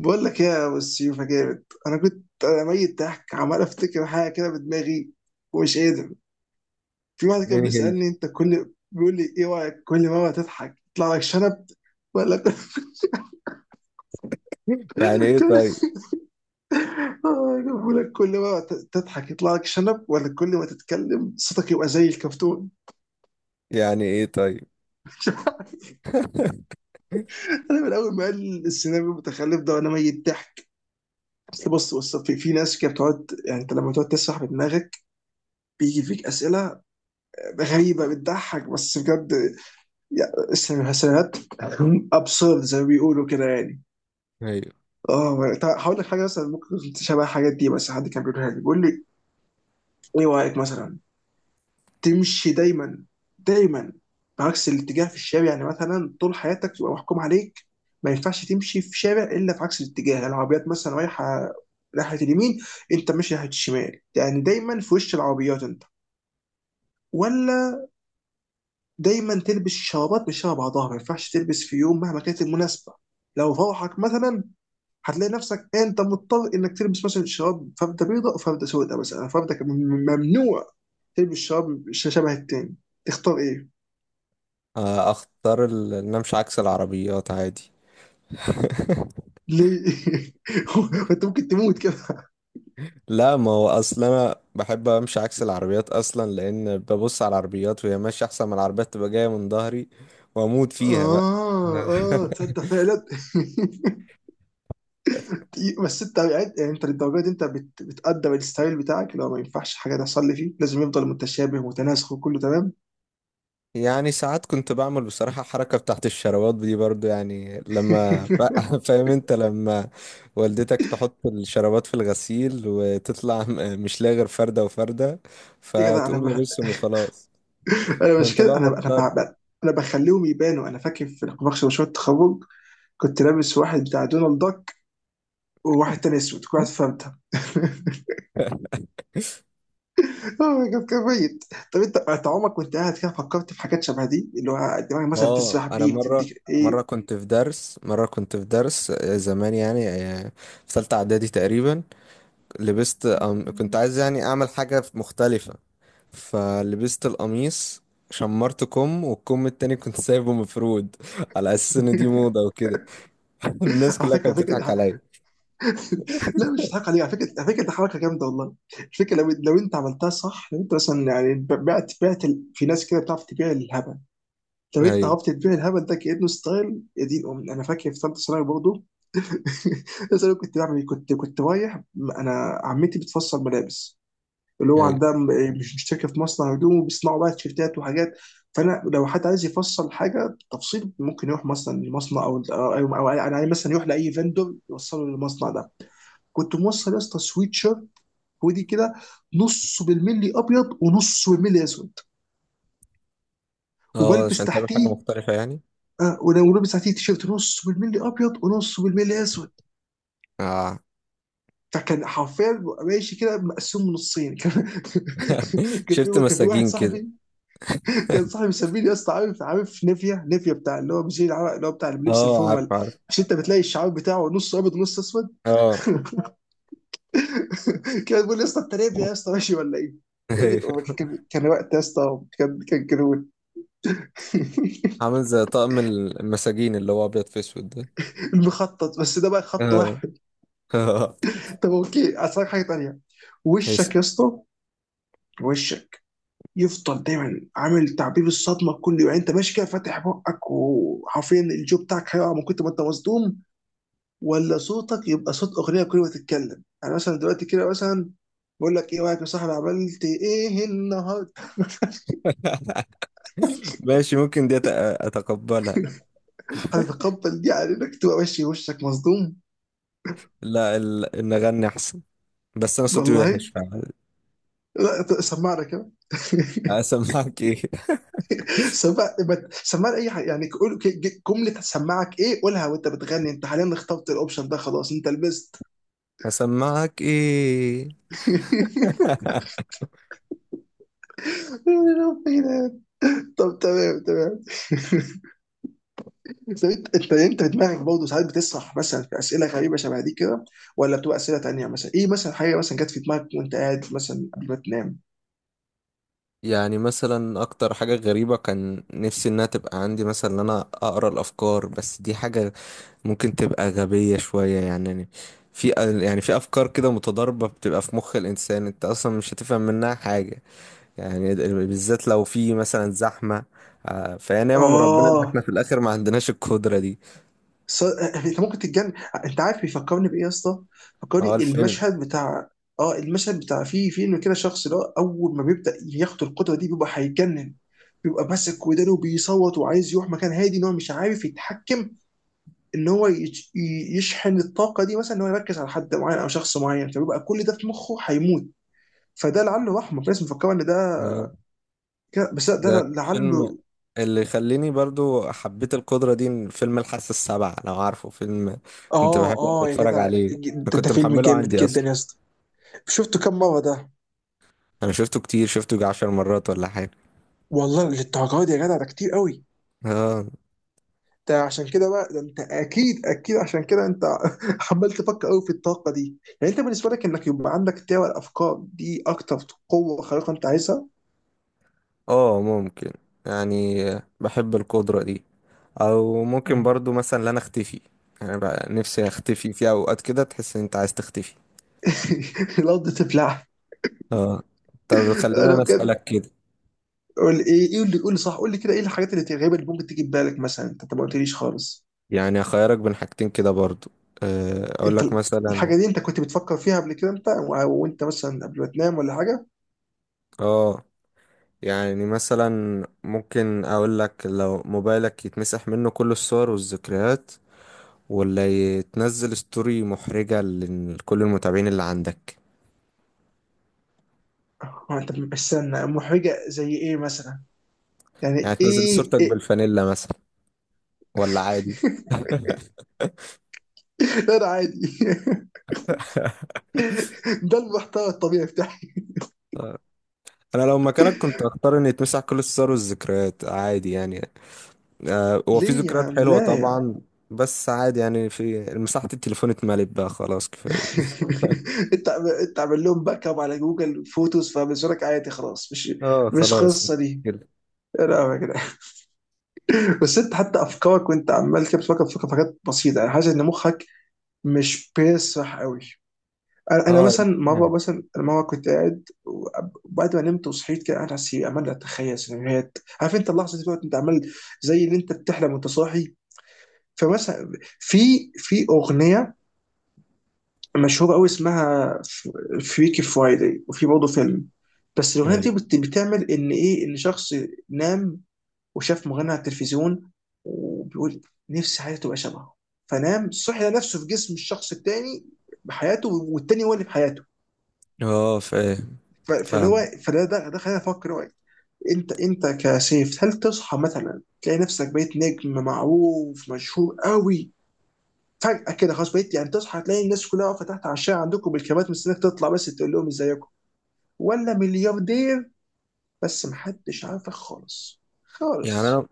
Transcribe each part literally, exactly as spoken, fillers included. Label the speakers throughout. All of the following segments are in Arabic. Speaker 1: بقول لك إيه يا ابو السيوفه جامد. انا كنت ميت ضحك عمال افتكر حاجه كده بدماغي ومش قادر. في واحد كان بيسالني انت، كل بيقول لي ايه رايك، كل مره تضحك يطلع لك شنب ولا كل
Speaker 2: يعني ايه
Speaker 1: كل-
Speaker 2: طيب؟
Speaker 1: آه، بيقول لك كل مره ت- تضحك يطلع لك شنب ولا كل ما تتكلم صوتك يبقى زي الكرتون.
Speaker 2: يعني ايه طيب؟
Speaker 1: انا من اول ما قال السيناريو المتخلف ده وانا ميت ضحك. أصل بص بص في, في ناس كده بتقعد، يعني انت لما تقعد تسرح بدماغك بيجي فيك اسئله غريبه بتضحك بس بجد. يا- اسم الحسنات، ابسورد زي ما بيقولوا كده يعني.
Speaker 2: ايوه
Speaker 1: اه طيب هقول لك حاجه مثلا ممكن تشبه الحاجات دي، بس حد كان بيقولها لي، بيقول لي ايه رايك مثلا تمشي دايما دايما بعكس الاتجاه في الشارع، يعني مثلا طول حياتك تبقى محكوم عليك ما ينفعش تمشي في شارع الا في عكس الاتجاه، يعني العربيات مثلا رايحه ناحيه اليمين انت ماشي ناحيه الشمال، يعني دايما في وش العربيات انت. ولا دايما تلبس شرابات مش شبه بعضها، ما ينفعش تلبس في يوم مهما كانت المناسبه لو فرحك مثلا، هتلاقي نفسك انت مضطر انك تلبس مثلا شراب فردة بيضاء وفردة سوداء، مثلا فردة ك- ممنوع تلبس شراب ش- شبه التاني. تختار ايه؟
Speaker 2: آه، اختار ال- ان أنا امشي عكس العربيات عادي.
Speaker 1: ليه؟ وانت ممكن تموت كده.
Speaker 2: لا، ما هو اصلا انا بحب امشي عكس العربيات اصلا، لان ببص على العربيات وهي ماشيه احسن ما العربيات تبقى جايه من ظهري واموت فيها بقى.
Speaker 1: اه اه تصدق فعلا. دقيقة، بس انت، يعني يعني انت للدرجه دي انت بت... بتقدر الستايل بتاعك، لو ما ينفعش حاجه تحصل لي فيه لازم يفضل متشابه ومتناسق وكله تمام.
Speaker 2: يعني ساعات كنت بعمل بصراحه حركه بتاعت الشروات دي برضو، يعني لما فا- فاهم انت لما والدتك تحط الشرابات في الغسيل وتطلع م- مش لاقي غير فردة وفردة،
Speaker 1: ايه كده، انا
Speaker 2: فتقوم
Speaker 1: بح...
Speaker 2: لابسهم وخلاص.
Speaker 1: انا
Speaker 2: ما
Speaker 1: مش
Speaker 2: انت
Speaker 1: كده
Speaker 2: بقى
Speaker 1: انا انا
Speaker 2: مضطر.
Speaker 1: بح... انا بخليهم يبانوا. انا فاكر في نقاش مشروع التخرج كنت لابس واحد بتاع دونالد داك وواحد تاني اسود، كنت فهمتها. أوه، كان كان ميت. طب انت انت عمرك وانت قاعد كده فكرت في حاجات شبه دي، اللي هو دماغك مثلا
Speaker 2: اه،
Speaker 1: بتسرح
Speaker 2: انا
Speaker 1: بيك
Speaker 2: مره.
Speaker 1: تديك ايه؟
Speaker 2: مره كنت في درس مره كنت في درس، آه، زمان يعني، آه، في ثالثه اعدادي تقريبا. لبست أم... كنت عايز يعني اعمل حاجه مختلفه، فلبست القميص، شمرت كم والكم التاني كنت سايبه مفرود على اساس ان دي موضه وكده. الناس
Speaker 1: على
Speaker 2: كلها
Speaker 1: فكره على
Speaker 2: كانت بتضحك
Speaker 1: فكره.
Speaker 2: عليا.
Speaker 1: لا مش هضحك عليك، على فكره على فكره دي حركه جامده والله. الفكره لو لو انت عملتها صح، لو انت مثلا يعني بعت بعت ال- في ناس كده بتعرف تبيع الهبل. طب انت
Speaker 2: ايوه.
Speaker 1: عرفت تبيع الهبل ده كانه ستايل، يا دين امي. انا فاكر في ثالثه ثانوي برضه بس انا كنت بعمل ايه؟ كنت كنت رايح، انا عمتي بتفصل ملابس اللي هو
Speaker 2: ايوه.
Speaker 1: عندها م- إيه، مش مشتركه في مصنع هدوم وبيصنعوا بقى تيشيرتات وحاجات. فانا لو حد عايز يفصل حاجه تفصيل ممكن يروح مثلا لمصنع او او, أو, أو يعني مثلا يروح لاي فندور يوصله للمصنع ده. كنت موصل يا اسطى سويت شيرت، ودي كده نصه بالملي ابيض ونصه بالملي اسود،
Speaker 2: اه،
Speaker 1: وبلبس
Speaker 2: عشان تعمل حاجه
Speaker 1: تحتيه
Speaker 2: مختلفه يعني.
Speaker 1: اه ولو- ولابس ساعتين تيشيرت نص بالملي ابيض ونص بالملي اسود.
Speaker 2: اه.
Speaker 1: فكان حرفيا ببقى ماشي كده مقسوم نصين. كان كان
Speaker 2: شفت
Speaker 1: في كان في واحد
Speaker 2: مساجين كده.
Speaker 1: صاحبي، كان صاحبي مسميني يا اسطى، عارف عارف نيفيا، نيفيا بتاع اللي هو مش العرق، اللي هو بتاع لبس
Speaker 2: اه،
Speaker 1: الفورمال.
Speaker 2: عارف عارف.
Speaker 1: مش انت بتلاقي الشعار بتاعه نص ابيض ونص اسود؟
Speaker 2: اه.
Speaker 1: كان بيقول لي يا اسطى انت نيفيا، يا اسطى ماشي ولا ايه؟ هي دي الأمور. كان كان وقت يا اسطى، كان كان جنون.
Speaker 2: عامل زي طقم المساجين اللي هو ابيض في اسود ده.
Speaker 1: المخطط بس ده بقى خط
Speaker 2: آه.
Speaker 1: واحد.
Speaker 2: آه.
Speaker 1: طب اوكي، اسالك حاجه تانيه.
Speaker 2: ماشي.
Speaker 1: وشك يا اسطى، وشك يفضل دايما عامل تعبيب الصدمه كل يوم، يعني انت ماشي كده فاتح بقك وحرفيا الجو بتاعك هيقع من كتر ما انت مصدوم. ولا صوتك يبقى صوت اغنيه كل ما تتكلم، يعني مثلا دلوقتي كده مثلا بقول لك ايه رايك يا صاحبي عملت ايه النهارده؟
Speaker 2: ماشي، ممكن دي أت- اتقبلها.
Speaker 1: هتتقبل دي على انك تبقى ماشي وشك مصدوم.
Speaker 2: لا ال... ان اغني احسن، بس انا صوتي
Speaker 1: والله،
Speaker 2: وحش فعلا.
Speaker 1: لا ت- سمعنا كده.
Speaker 2: هسمعك ايه؟
Speaker 1: سمع ما- سمعنا اي حاجه، يعني قول ك- ج- جمله، هتسمعك ايه؟ قولها وانت بتغني. انت حاليا اخترت الاوبشن ده خلاص، انت لبست.
Speaker 2: هسمعك ايه؟
Speaker 1: طب تمام تمام. طب انت انت انت في دماغك برضه ساعات بتسرح مثلا في اسئله غريبه شبه دي كده، ولا بتبقى اسئله تانيه؟ مثلا ايه مثلا حاجه مثلا جت في دماغك وانت قاعد مثلا قبل ما تنام؟
Speaker 2: يعني مثلا اكتر حاجة غريبة كان نفسي انها تبقى عندي، مثلا ان انا اقرا الافكار، بس دي حاجة ممكن تبقى غبية شوية يعني. في يعني في افكار كده متضاربة بتبقى في مخ الانسان، انت اصلا مش هتفهم منها حاجة يعني، بالذات لو في مثلا زحمة. آه، فهي نعمة من ربنا إن
Speaker 1: اه
Speaker 2: إحنا في الآخر ما عندناش القدرة دي.
Speaker 1: ص... انت ممكن تتجنن. انت عارف بيفكرني بايه يا اسطى؟
Speaker 2: هو
Speaker 1: فكرني
Speaker 2: الفيلم.
Speaker 1: المشهد بتاع، اه المشهد بتاع في فيلم كده، شخص اللي هو اول ما بيبدا ياخد القدره دي بيبقى هيتجنن، بيبقى ماسك ودانه وبيصوت وعايز يروح مكان هادي، ان هو مش عارف يتحكم ان هو يش- ي- يشحن الطاقه دي، مثلا ان هو يركز على حد معين او شخص معين، فبيبقى كل ده في مخه هيموت. فده لعله رحمه في ناس مفكره ان ده
Speaker 2: آه،
Speaker 1: كده- بس لا، ده
Speaker 2: ده فيلم
Speaker 1: لعله.
Speaker 2: اللي يخليني برضو حبيت القدرة دي، إن فيلم الحاسة السابعة لو عارفه فيلم، كنت
Speaker 1: اه
Speaker 2: بحب أقعد
Speaker 1: اه يا
Speaker 2: أتفرج
Speaker 1: جدع،
Speaker 2: عليه. أنا
Speaker 1: ده, ده
Speaker 2: كنت
Speaker 1: فيلم
Speaker 2: محمله
Speaker 1: جامد
Speaker 2: عندي
Speaker 1: جدا
Speaker 2: أصلا.
Speaker 1: يا اسطى. شفته كم مره ده؟
Speaker 2: أنا شفته كتير، شفته يجي عشر مرات ولا حاجة.
Speaker 1: والله للدرجه دي يا جدع؟ ده كتير قوي.
Speaker 2: آه.
Speaker 1: ده عشان كده بقى، ده انت اكيد اكيد عشان كده انت عمال تفكر قوي في الطاقه دي، يعني انت بالنسبه لك انك يبقى عندك تاوى الافكار دي اكتر قوه خارقه انت عايزها.
Speaker 2: آه، ممكن يعني، بحب القدرة دي، أو ممكن
Speaker 1: مم.
Speaker 2: برضو مثلا إن أنا أختفي، يعني بقى نفسي أختفي في أوقات كده تحس إن أنت عايز تختفي.
Speaker 1: الارض تبلعها.
Speaker 2: اه. طب خلينا
Speaker 1: انا
Speaker 2: انا
Speaker 1: بجد
Speaker 2: اسالك كده،
Speaker 1: قول ايه، ايه اللي، قول لي صح، قول لي كده ايه الحاجات اللي الغريبه اللي ممكن تيجي في بالك مثلا؟ انت ما قلتليش خالص.
Speaker 2: يعني اخيرك بين حاجتين كده برضو. آه، اقول
Speaker 1: انت
Speaker 2: لك
Speaker 1: ال-
Speaker 2: مثلا.
Speaker 1: الحاجه دي انت كنت بتفكر فيها قبل كده انت و- وانت مثلا قبل ما تنام ولا حاجه؟
Speaker 2: اه، يعني مثلا ممكن اقول لك لو موبايلك يتمسح منه كل الصور والذكريات، ولا يتنزل ستوري محرجة لكل المتابعين اللي عندك.
Speaker 1: اه انت استنى، محرجه زي ايه مثلا؟ يعني
Speaker 2: يعني تنزل
Speaker 1: ايه,
Speaker 2: صورتك
Speaker 1: إيه؟
Speaker 2: بالفانيلا مثلا، ولا عادي.
Speaker 1: لا انا عادي. ده المحتوى الطبيعي بتاعي.
Speaker 2: انا لو مكانك كنت اختار ان يتمسح كل الصور والذكريات عادي يعني. آه، هو في
Speaker 1: ليه يا
Speaker 2: ذكريات
Speaker 1: عم،
Speaker 2: حلوة
Speaker 1: لا يا عم.
Speaker 2: طبعا، بس عادي يعني، في مساحة التليفون اتملت بقى خلاص كفاية.
Speaker 1: انت عم- انت عامل لهم باك اب على جوجل فوتوز، فبالنسبه لك عادي خلاص، مش
Speaker 2: اه
Speaker 1: مش
Speaker 2: خلاص
Speaker 1: قصه دي.
Speaker 2: كده.
Speaker 1: لا، بس انت حتى افكارك وانت عمال كده بتفكر، بتفكر في حاجات بسيطه، يعني حاسس ان مخك مش بيسرح قوي. انا أنا
Speaker 2: اه.
Speaker 1: مثلا مره،
Speaker 2: يعني
Speaker 1: مثلا أنا مره كنت قاعد وأب- وبعد ما نمت وصحيت كده قاعد على السرير، عمال اتخيل سيناريوهات، عارف انت اللحظه دي بقى انت عمال زي اللي انت بتحلم وانت صاحي. فمثلا في في اغنيه مشهوره قوي اسمها فريكي فرايداي، وفي برضه فيلم، بس الاغنيه دي
Speaker 2: يعني-
Speaker 1: بت- بتعمل ان ايه، ان شخص نام وشاف مغني على التلفزيون وبيقول نفسي حياتي تبقى شبهه، فنام صحي لقى نفسه في جسم الشخص التاني بحياته والتاني هو اللي بحياته.
Speaker 2: اه فاهم.
Speaker 1: ف- فاللي هو
Speaker 2: فاهم
Speaker 1: فده ده, ده خلاني افكر، هو انت انت كسيف هل تصحى مثلا تلاقي نفسك بقيت نجم معروف مشهور قوي فجأة كده خلاص، بقيت يعني تصحى تلاقي الناس كلها واقفة تحت على الشارع عندكم بالكاميرات مستنيك تطلع بس تقول لهم ازيكم؟ ولا ملياردير بس محدش عارفك خالص
Speaker 2: يعني.
Speaker 1: خالص؟
Speaker 2: انا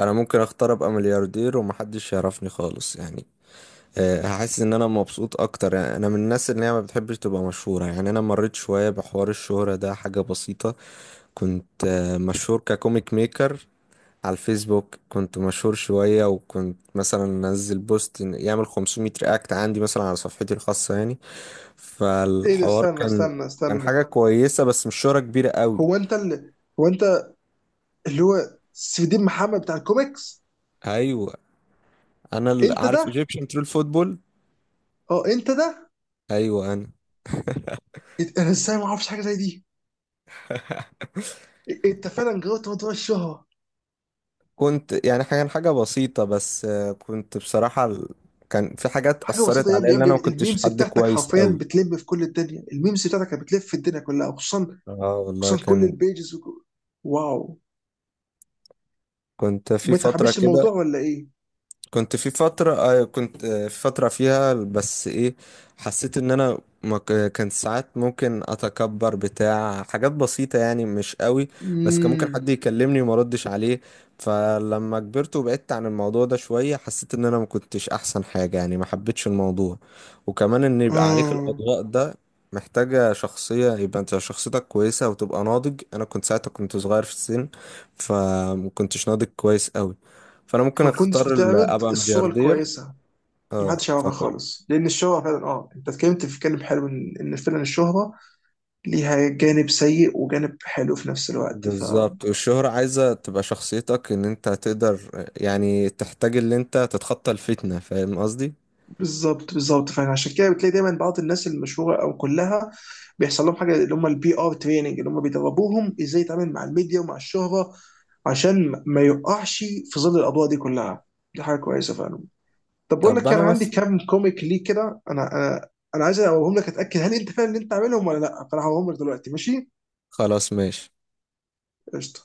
Speaker 2: انا ممكن اختار ابقى ملياردير ومحدش يعرفني خالص يعني. آه، هحس ان انا مبسوط اكتر يعني. انا من الناس اللي هي ما بتحبش تبقى مشهورة. يعني انا مريت شوية بحوار الشهرة ده، حاجة بسيطة. كنت آه، مشهور ككوميك ميكر على الفيسبوك، كنت مشهور شوية، وكنت مثلا انزل بوست إن- يعمل خمسميت رياكت عندي مثلا على صفحتي الخاصة يعني.
Speaker 1: ايه ده،
Speaker 2: فالحوار
Speaker 1: استنى
Speaker 2: كان
Speaker 1: استنى
Speaker 2: كان
Speaker 1: استنى.
Speaker 2: حاجة كويسة، بس مش شهرة كبيرة قوي.
Speaker 1: هو انت اللي، هو انت اللي هو سيف الدين محمد بتاع الكوميكس؟
Speaker 2: ايوه، انا ال-
Speaker 1: انت
Speaker 2: عارف
Speaker 1: ده؟
Speaker 2: ايجيبشن ترول فوتبول.
Speaker 1: اه انت ده.
Speaker 2: ايوه انا.
Speaker 1: انت- انا ازاي ما اعرفش حاجه زي دي؟ إ- انت فعلا جربت موضوع الشهره.
Speaker 2: كنت يعني حاجة حاجة بسيطة، بس آه، كنت بصراحة ال- كان في حاجات
Speaker 1: حاجه
Speaker 2: أثرت
Speaker 1: بسيطه يا
Speaker 2: عليا،
Speaker 1: ابني، يا
Speaker 2: اللي
Speaker 1: ابني
Speaker 2: أنا ما كنتش
Speaker 1: الميمز
Speaker 2: حد
Speaker 1: بتاعتك
Speaker 2: كويس
Speaker 1: حرفيا
Speaker 2: أوي.
Speaker 1: بتلم في كل الدنيا، الميمز بتاعتك بتلف في الدنيا كلها، وخصوصا
Speaker 2: اه والله،
Speaker 1: خصوصا كل
Speaker 2: كان
Speaker 1: البيجز وك... واو.
Speaker 2: كنت في
Speaker 1: ما
Speaker 2: فترة
Speaker 1: تحبش
Speaker 2: كده،
Speaker 1: الموضوع ولا ايه؟
Speaker 2: كنت في فترة آه، كنت آه، في فترة فيها بس ايه، حسيت ان انا ما ك- كان ساعات ممكن اتكبر بتاع حاجات بسيطة يعني، مش قوي، بس كان ممكن حد
Speaker 1: امم،
Speaker 2: يكلمني وما ردش عليه. فلما كبرت وبعدت عن الموضوع ده شوية، حسيت ان انا ما كنتش احسن حاجة يعني، ما حبيتش الموضوع. وكمان ان يبقى عليك
Speaker 1: اه.
Speaker 2: الاضواء ده محتاجة شخصية، يبقى انت شخصيتك كويسة وتبقى ناضج، انا كنت ساعتها كنت صغير في السن، فما كنتش ناضج كويس قوي. فانا ممكن
Speaker 1: ما كنتش
Speaker 2: اختار ال-
Speaker 1: بتعرض
Speaker 2: ابقى
Speaker 1: الصوره
Speaker 2: ملياردير.
Speaker 1: الكويسه، ما
Speaker 2: اه
Speaker 1: حدش يعرفها
Speaker 2: فك...
Speaker 1: خالص، لان الشهره فعلا، اه انت اتكلمت في كلام حلو، ان إن فعلا الشهره ليها جانب سيء وجانب حلو في نفس الوقت.
Speaker 2: بالظبط. والشهرة عايزة تبقى شخصيتك، ان انت تقدر يعني تحتاج اللي انت تتخطى الفتنة، فاهم قصدي.
Speaker 1: فبالظبط بالظبط، فعشان كده بتلاقي دايما بعض الناس المشهوره او كلها بيحصل لهم حاجه اللي هم البي ار تريننج، اللي هم بيدربوهم ازاي يتعامل مع الميديا ومع الشهره، عشان ما يقعش في ظل الاضواء دي كلها. دي حاجه كويسه فعلا. طب بقول لك
Speaker 2: طب
Speaker 1: كان
Speaker 2: انا
Speaker 1: عندي
Speaker 2: مثلا.
Speaker 1: كام كوميك ليه كده، انا انا انا عايز اقولهم لك، اتاكد هل انت فعلا اللي انت عاملهم ولا لا، فانا هقولهم لك دلوقتي ماشي.
Speaker 2: خلاص ماشي.
Speaker 1: قشطه.